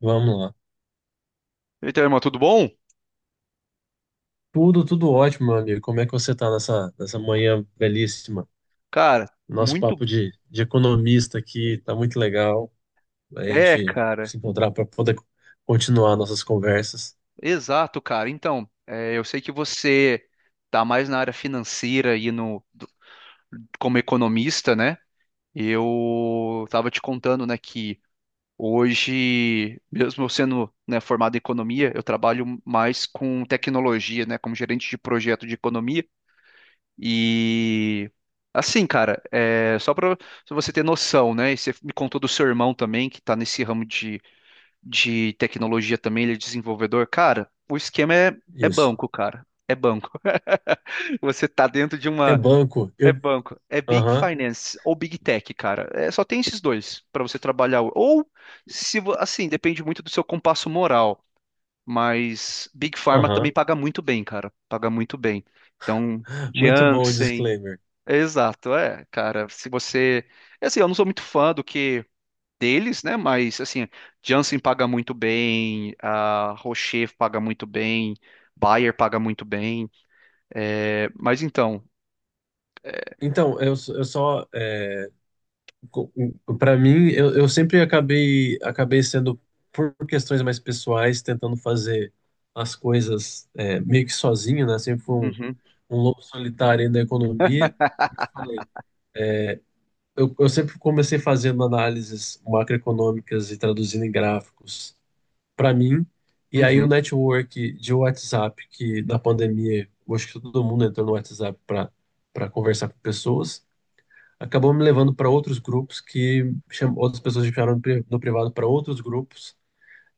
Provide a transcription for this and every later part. Vamos lá. Eita, irmão, tudo bom? Tudo ótimo, meu amigo. Como é que você tá nessa manhã belíssima? Cara, Nosso muito. papo de economista aqui tá muito legal. A É, gente cara. se encontrar para poder continuar nossas conversas. Exato, cara. Então, eu sei que você tá mais na área financeira e no do- como economista, né? Eu tava te contando, né, que hoje, mesmo eu sendo, né, formado em economia, eu trabalho mais com tecnologia, né, como gerente de projeto de economia e assim, cara, só para você ter noção, né? E você me contou do seu irmão também, que tá nesse ramo de tecnologia também, ele é desenvolvedor, cara, o esquema é Isso. banco, cara. É banco. Você tá dentro de É uma. banco. É banco. É Big Aham, Finance ou Big Tech, cara. É, só tem esses dois pra você trabalhar. Ou, se vo- assim, depende muito do seu compasso moral. Mas Big Pharma também aham. paga muito bem, cara. Paga muito bem. Então, Muito bom o Janssen. disclaimer. Exato, cara. Se você. Assim, eu não sou muito fã do que deles, né? Mas assim, Janssen paga muito bem, a Rocher paga muito bem, Bayer paga muito bem. É, mas então, eh, Então, eu só, para mim, eu sempre acabei sendo, por questões mais pessoais, tentando fazer as coisas meio que sozinho, né? Sempre fui um, uhum, um lobo solitário aí da economia. Como eu te falei, eu sempre comecei fazendo análises macroeconômicas e traduzindo em gráficos para mim. E aí o uhum, network de WhatsApp, que na pandemia, eu acho que todo mundo entrou no WhatsApp para conversar com pessoas, acabou me levando para outros grupos que outras pessoas me chamaram no privado para outros grupos,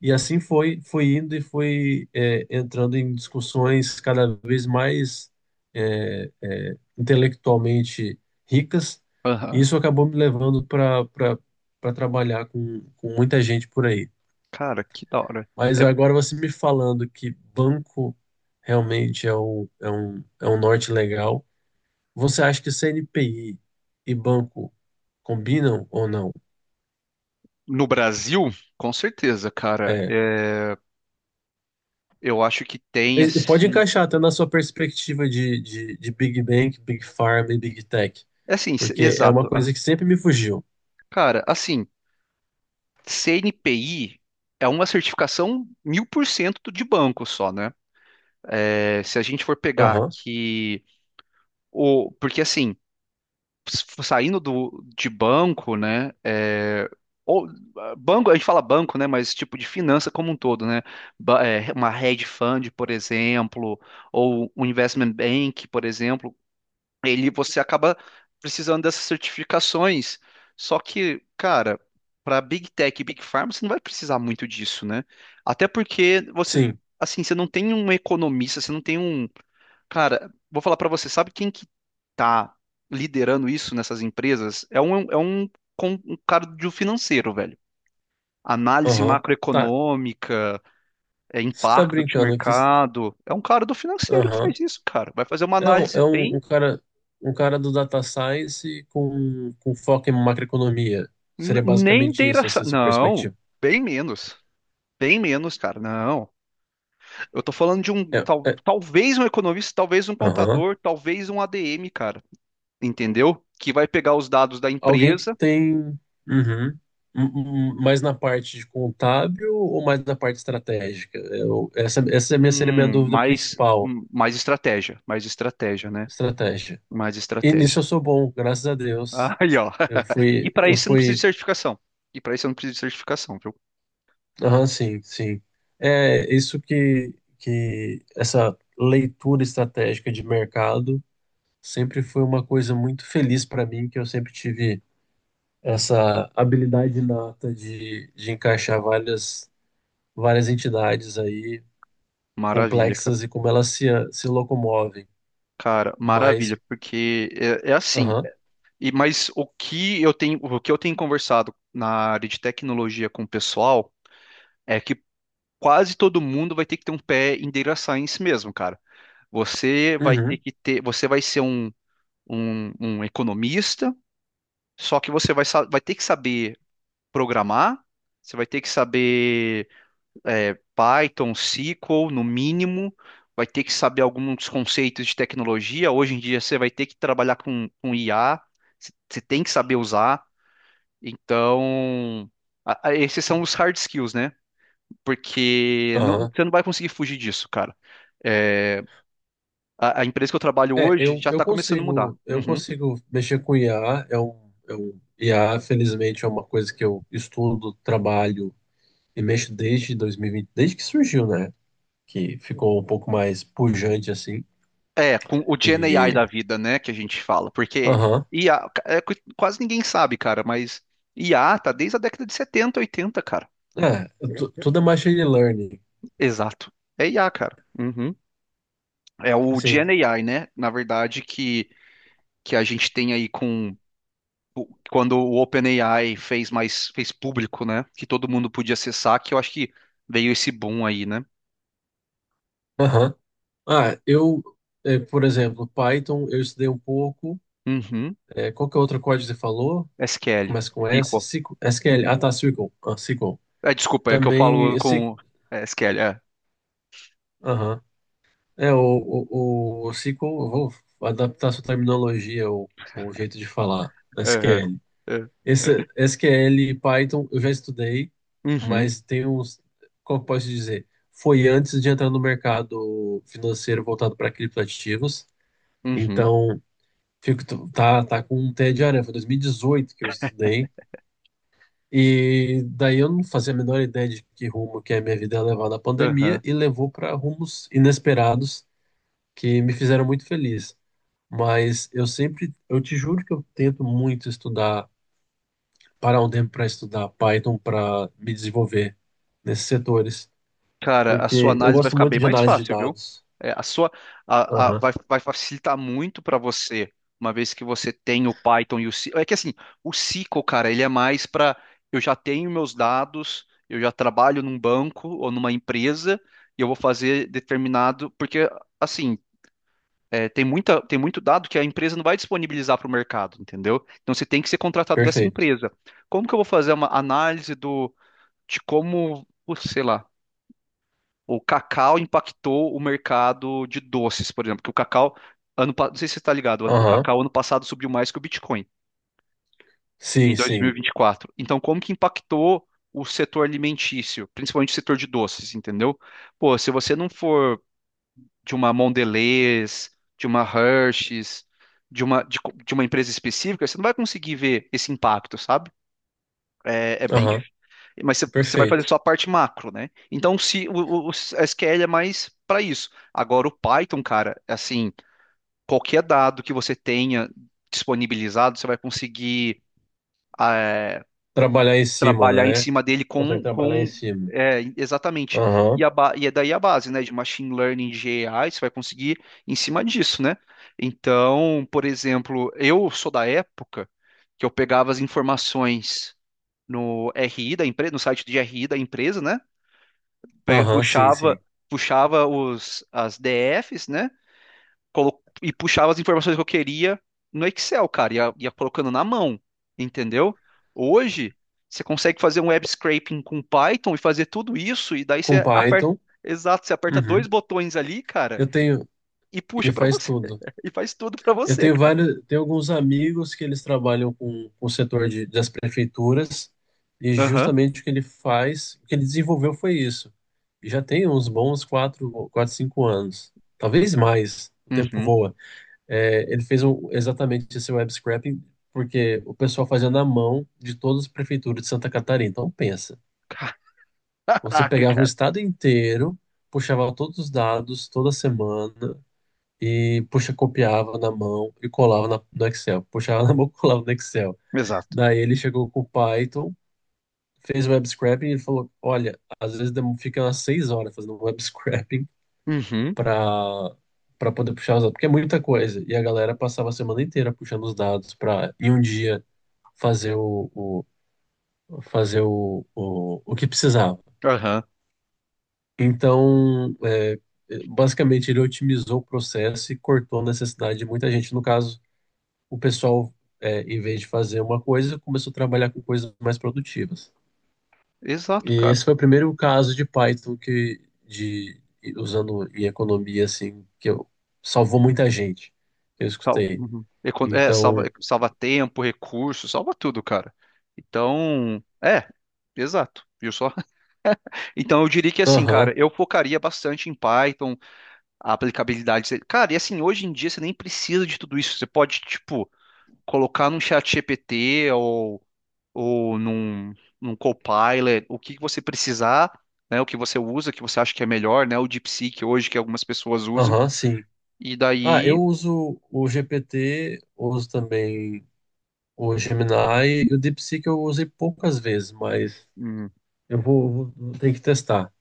e assim foi indo e foi entrando em discussões cada vez mais intelectualmente ricas, e aham. isso acabou me levando para trabalhar com muita gente por aí. Cara, que da hora. Mas É, agora, você me falando que banco realmente é um norte legal. Você acha que CNPI e banco combinam ou não? no Brasil, com certeza, cara. É. É, eu acho que tem E pode assim, encaixar até na sua perspectiva de Big Bank, Big Pharma e Big Tech, é assim, porque é uma exato. Ah. coisa que sempre me fugiu. Cara, assim, CNPI é uma certificação 1000% de banco só, né? É, se a gente for pegar Aham, que porque assim saindo de banco, né? Ou, banco, a gente fala banco, né? Mas tipo de finança como um todo, né? Uma hedge fund, por exemplo, ou um investment bank, por exemplo, ele você acaba precisando dessas certificações. Só que, cara, para Big Tech e Big Pharma, você não vai precisar muito disso, né? Até porque sim, assim, você não tem um economista, você não tem um. Cara, vou falar pra você, sabe quem que tá liderando isso nessas empresas? É um cara do financeiro, velho. Análise aham. Tá, macroeconômica, você tá impacto de brincando aqui. mercado. É um cara do financeiro que Aham. faz isso, cara. Vai fazer uma É, um, análise é um, bem. um cara um cara do data science com foco em macroeconomia. Seria Nem basicamente isso, assim, sua Não, perspectiva. bem menos. Bem menos, cara. Não. Eu tô falando É, é, talvez um economista, talvez um aham. contador, talvez um ADM, cara. Entendeu? Que vai pegar os dados da Alguém que empresa. tem. Uhum. Mais na parte de contábil ou mais na parte estratégica? Essa seria a minha dúvida Mais, principal: mais estratégia, né? estratégia. Mais E nisso estratégia. eu sou bom, graças a Deus. Aí, ó. Eu E fui, para eu isso eu não preciso de fui, certificação. E para isso eu não preciso de certificação, viu? aham, sim, sim. É isso que essa leitura estratégica de mercado sempre foi uma coisa muito feliz para mim, que eu sempre tive essa habilidade inata de encaixar várias entidades aí Maravilha, cara. complexas e como elas se locomovem. Cara, maravilha, Mas, porque é assim. aham, Mas o que eu tenho conversado na área de tecnologia com o pessoal é que quase todo mundo vai ter que ter um pé em data science mesmo, cara. Você vai ter uhum, que ter, você vai ser um, um economista, só que você vai ter que saber programar, você vai ter que saber Python, SQL, no mínimo, vai ter que saber alguns conceitos de tecnologia. Hoje em dia você vai ter que trabalhar com IA, você tem que saber usar. Então, esses são os hard skills, né? Porque aham. você não vai conseguir fugir disso, cara. É, a empresa que eu trabalho hoje eu, já eu está começando a mudar. consigo, eu Uhum. consigo mexer com IA, IA, felizmente, é uma coisa que eu estudo, trabalho e mexo desde 2020, desde que surgiu, né? Que ficou um pouco mais pujante assim. É, com o Gen AI E, da vida, né, que a gente fala, porque aham. IA, quase ninguém sabe, cara, mas IA tá desde a década de 70, 80, cara. é, Tudo é machine learning, Exato. É IA, cara. Uhum. É o sim. Gen AI, né, na verdade, que a gente tem aí com quando o OpenAI fez público, né, que todo mundo podia acessar, que eu acho que veio esse boom aí, né? Aham. Ah, por exemplo, Python eu estudei um pouco. Uhum. Qual que é outro código que você falou? Que SQL, começa com S? SQL. SQL? SQL. Uhum. Ah, tá, SQL. Ah, SQL. É, desculpa, é que eu Também falo esse. com SQL, é. Aham. O SQL, eu vou adaptar a sua terminologia, o jeito de falar. É, é. SQL. É. Esse, SQL e Python eu já estudei, Uhum. mas tem uns. Como eu posso dizer? Foi antes de entrar no mercado financeiro voltado para criptoativos. Uhum, Então, fico, tá com um pé de aranha. Foi 2018 que eu estudei. E daí eu não fazia a menor ideia de que rumo que a minha vida ia levar na pandemia, aham. e levou para rumos inesperados que me fizeram muito feliz. Mas eu sempre, eu te juro que eu tento muito estudar, parar um tempo para estudar Python para me desenvolver nesses setores, Cara, a sua porque eu análise vai gosto ficar muito bem de mais análise de fácil, viu? dados. É, a sua a- Aham, vai, vai facilitar muito para você, uma vez que você tem o Python e o SQL. É que assim, o SQL, cara, ele é mais para eu já tenho meus dados, eu já trabalho num banco ou numa empresa e eu vou fazer determinado, porque assim, tem muita, tem muito dado que a empresa não vai disponibilizar para o mercado, entendeu? Então você tem que ser contratado dessa perfeito. empresa. Como que eu vou fazer uma análise do de como, putz, sei lá o cacau impactou o mercado de doces, por exemplo, que o cacau, não sei se você está ligado, o Aham, cacau ano passado subiu mais que o Bitcoin, em sim, sim. 2024. Então, como que impactou o setor alimentício, principalmente o setor de doces, entendeu? Pô, se você não for de uma Mondelez, de uma Hershey's, de uma empresa específica, você não vai conseguir ver esse impacto, sabe? É, é bem. Aham, Mas você vai fazer perfeito. só a parte macro, né? Então, se o, o SQL é mais para isso. Agora, o Python, cara, assim, qualquer dado que você tenha disponibilizado, você vai conseguir ah, Trabalhar em cima, trabalhar em né? cima dele Consegue com, trabalhar em com cima. Exatamente. Aham, E, é daí a base, né? De machine learning, de AI, você vai conseguir em cima disso, né? Então, por exemplo, eu sou da época que eu pegava as informações no RI da empresa, no site de RI da empresa, né? pe- aham, sim, puxava, sim. puxava as DFs, né? E puxava as informações que eu queria no Excel, cara, ia colocando na mão, entendeu? Hoje, você consegue fazer um web scraping com Python e fazer tudo isso, e daí Com você aperta, Python. exato, você aperta dois Uhum. botões ali, cara, Eu tenho, e e puxa pra faz você, tudo. e faz tudo pra Eu você, tenho cara. vários, tenho alguns amigos que eles trabalham com o setor das prefeituras, e Aham. justamente o que ele faz, o que ele desenvolveu foi isso. E já tem uns bons quatro, cinco anos, talvez mais. O tempo Uhum. voa. Exatamente esse web scraping, porque o pessoal fazia na mão de todas as prefeituras de Santa Catarina. Então pensa, você Caraca, pegava um cara. estado inteiro, puxava todos os dados toda semana e, puxa, copiava na mão e colava no Excel. Puxava na mão, e colava no Excel. Exato. Daí ele chegou com o Python, fez web scraping e falou: Olha, às vezes fica umas 6 horas fazendo web scraping Uhum. para para poder puxar os dados, porque é muita coisa. E a galera passava a semana inteira puxando os dados para, em um dia, fazer o, o- fazer o que precisava. Aham. Então, basicamente, ele otimizou o processo e cortou a necessidade de muita gente. No caso, o pessoal, em vez de fazer uma coisa, começou a trabalhar com coisas mais produtivas. Exato, E cara. esse foi o primeiro caso de Python que, de, usando em economia, assim, que eu, salvou muita gente, que eu escutei. Uhum. É, Então, salva tempo, recurso, salva tudo, cara. Então, exato, viu só? Então eu diria que assim, cara, aham, eu focaria bastante em Python, a aplicabilidade. Cara, e assim, hoje em dia você nem precisa de tudo isso. Você pode, tipo, colocar num chat GPT ou, ou num, num Copilot, o que que você precisar, né? O que você usa, o que você acha que é melhor, né? O DeepSeek hoje que algumas pessoas usam. aham, sim. E Ah, eu daí, uso o GPT, uso também o Gemini, e o DeepSeek eu usei poucas vezes, mas hum, eu vou ter que testar.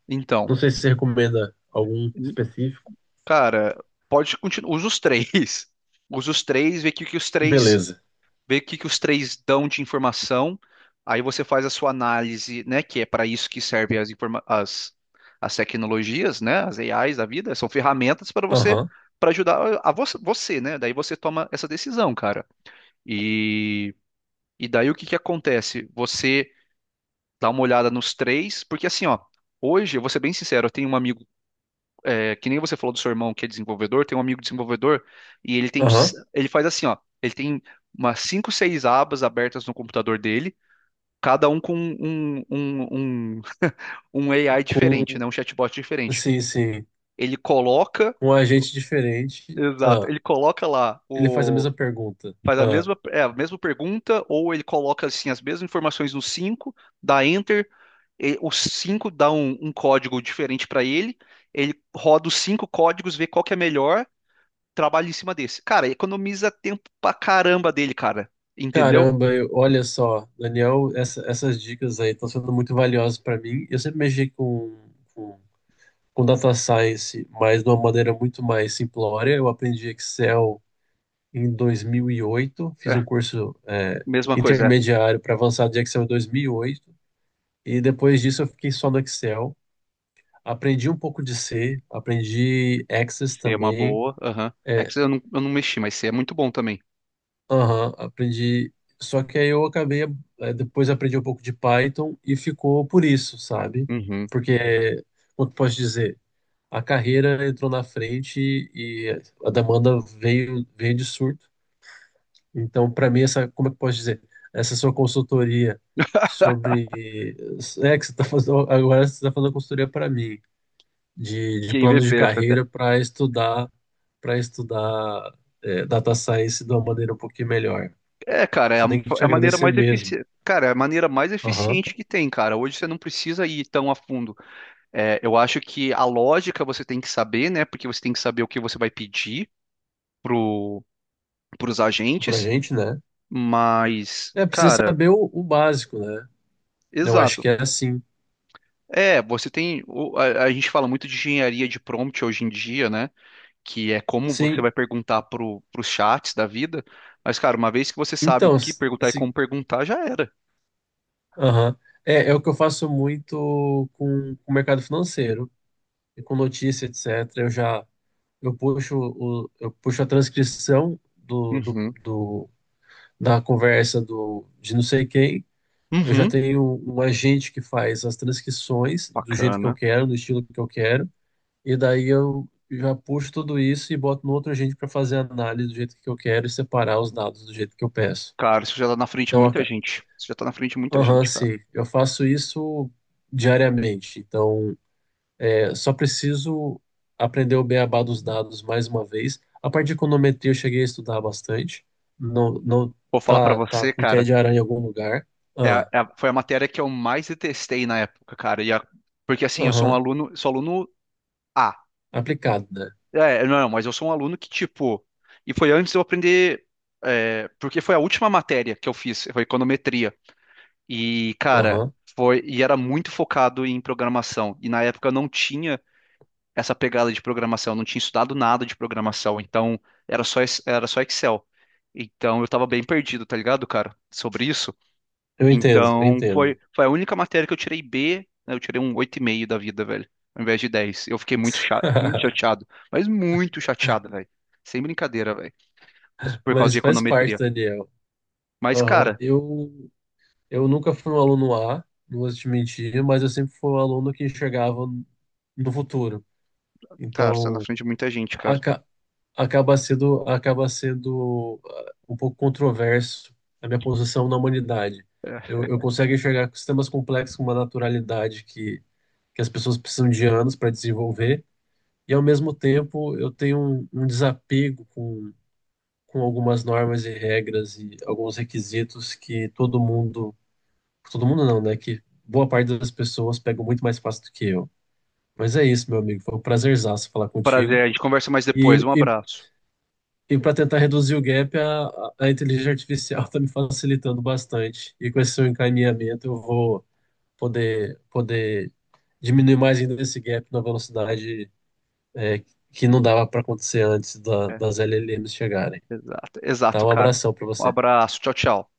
Não então. sei se você recomenda algum específico. Cara, pode continuar. Usa os três. Usa os três, Beleza. vê o que os três dão de informação. Aí você faz a sua análise, né? Que é para isso que servem as tecnologias, né? As AIs da vida, são ferramentas para você, Aham, para ajudar a você, né? Daí você toma essa decisão, cara. E, e daí o que que acontece? Você dá uma olhada nos três, porque assim, ó, hoje, eu vou ser bem sincero, eu tenho um amigo que nem você falou do seu irmão que é desenvolvedor, tem um amigo desenvolvedor e ele tem, aham. ele faz assim, ó, ele tem umas cinco, seis abas abertas no computador dele, cada um com um AI diferente, com, né, um chatbot diferente. sim, sim, Ele coloca, com um agente diferente. exato, Ah, ele coloca lá ele faz a o mesma pergunta. faz a Ah, mesma, a mesma pergunta, ou ele coloca assim as mesmas informações no 5 dá enter, e, os 5 dá um código diferente para ele, ele roda os cinco códigos, vê qual que é melhor, trabalho em cima desse. Cara, economiza tempo pra caramba dele, cara. Entendeu? caramba, olha só, Daniel, essas dicas aí estão sendo muito valiosas para mim. Eu sempre mexi com, com data science, mas de uma maneira muito mais simplória. Eu aprendi Excel em 2008, fiz um É, curso mesma coisa, é. intermediário para avançado de Excel em 2008, e depois disso eu fiquei só no Excel. Aprendi um pouco de C, aprendi Access Se É uma também. boa, aham. É eh, que eu não mexi, mas C é muito bom também. Aham, aprendi. Só que aí eu acabei, depois aprendi um pouco de Python e ficou por isso, sabe? Uhum. Porque, como que eu posso dizer? A carreira entrou na frente e a demanda veio de surto. Então, para mim, essa, como é que eu posso dizer? Essa sua consultoria sobre. É que você está fazendo, agora você está fazendo consultoria para mim, de Que planos de MVP essa carreira até. para estudar, data science de uma maneira um pouquinho melhor. É, cara, é a, Você tem que te é a maneira agradecer mais mesmo. eficiente, cara, é a maneira mais Aham. eficiente que tem, cara. Hoje você não precisa ir tão a fundo. É, eu acho que a lógica você tem que saber, né? Porque você tem que saber o que você vai pedir pro, pros Pra agentes, gente, né? mas, Precisa cara, saber o básico, né? Eu acho que exato. é assim. É, você tem. A gente fala muito de engenharia de prompt hoje em dia, né? Que é como você Sim. vai perguntar pros chats da vida. Mas, cara, uma vez que você sabe o Então, que perguntar e como perguntar, já era. aham. É o que eu faço muito com o mercado financeiro, e com notícia, etc. Eu já eu puxo, o, eu puxo a transcrição Uhum. Da conversa de não sei quem. Eu já Uhum. tenho um agente que faz as transcrições do jeito que eu Bacana. quero, do estilo que eu quero. E daí eu já puxo tudo isso e boto no outro agente para fazer a análise do jeito que eu quero, e separar os dados do jeito que eu peço. Cara, isso já tá na frente de Então, muita gente. Isso já tá na frente de muita aham, gente, cara. sim, eu faço isso diariamente. Então, só preciso aprender o beabá dos dados mais uma vez. A parte de econometria eu cheguei a estudar bastante. Não, não Vou falar pra tá você, com teia cara. de aranha em algum lugar. É, Ah, foi a matéria que eu mais detestei na época, cara. E porque assim, eu sou um aham, aluno, sou aluno A. aplicado, né? É, não, mas eu sou um aluno que, tipo, e foi antes de eu aprender, porque foi a última matéria que eu fiz, foi econometria. E, cara, Aham, foi, e era muito focado em programação. E na época eu não tinha essa pegada de programação, eu não tinha estudado nada de programação, então era só Excel. Então eu tava bem perdido, tá ligado, cara, sobre isso. eu entendo, eu Então, foi, entendo. foi a única matéria que eu tirei B, né, eu tirei um 8,5 da vida, velho, ao invés de dez. Eu fiquei muito chato, muito chateado, mas muito chateado, velho. Sem brincadeira, velho, por causa de Mas faz parte, econometria. Daniel. Mas, Aham. cara, Eu nunca fui um aluno A, não vou te mentir, mas eu sempre fui um aluno que enxergava no futuro. Você tá na Então, frente de muita gente, cara. aca- acaba sendo um pouco controverso a minha posição na humanidade. É. Eu consigo enxergar sistemas complexos com uma naturalidade que as pessoas precisam de anos para desenvolver, e ao mesmo tempo eu tenho um desapego com algumas normas e regras e alguns requisitos. Que todo mundo Todo mundo não, né? Que boa parte das pessoas pegam muito mais fácil do que eu. Mas é isso, meu amigo. Foi um prazerzaço falar contigo. Prazer, a gente conversa mais depois. E, Um e, abraço. e para tentar reduzir o gap, a inteligência artificial está me facilitando bastante. E com esse seu encaminhamento, eu vou poder diminuir mais ainda esse gap na velocidade, é, que não dava para acontecer antes da- É. das LLMs chegarem. Exato, Tá, exato, um cara. abração para Um você. abraço, tchau, tchau.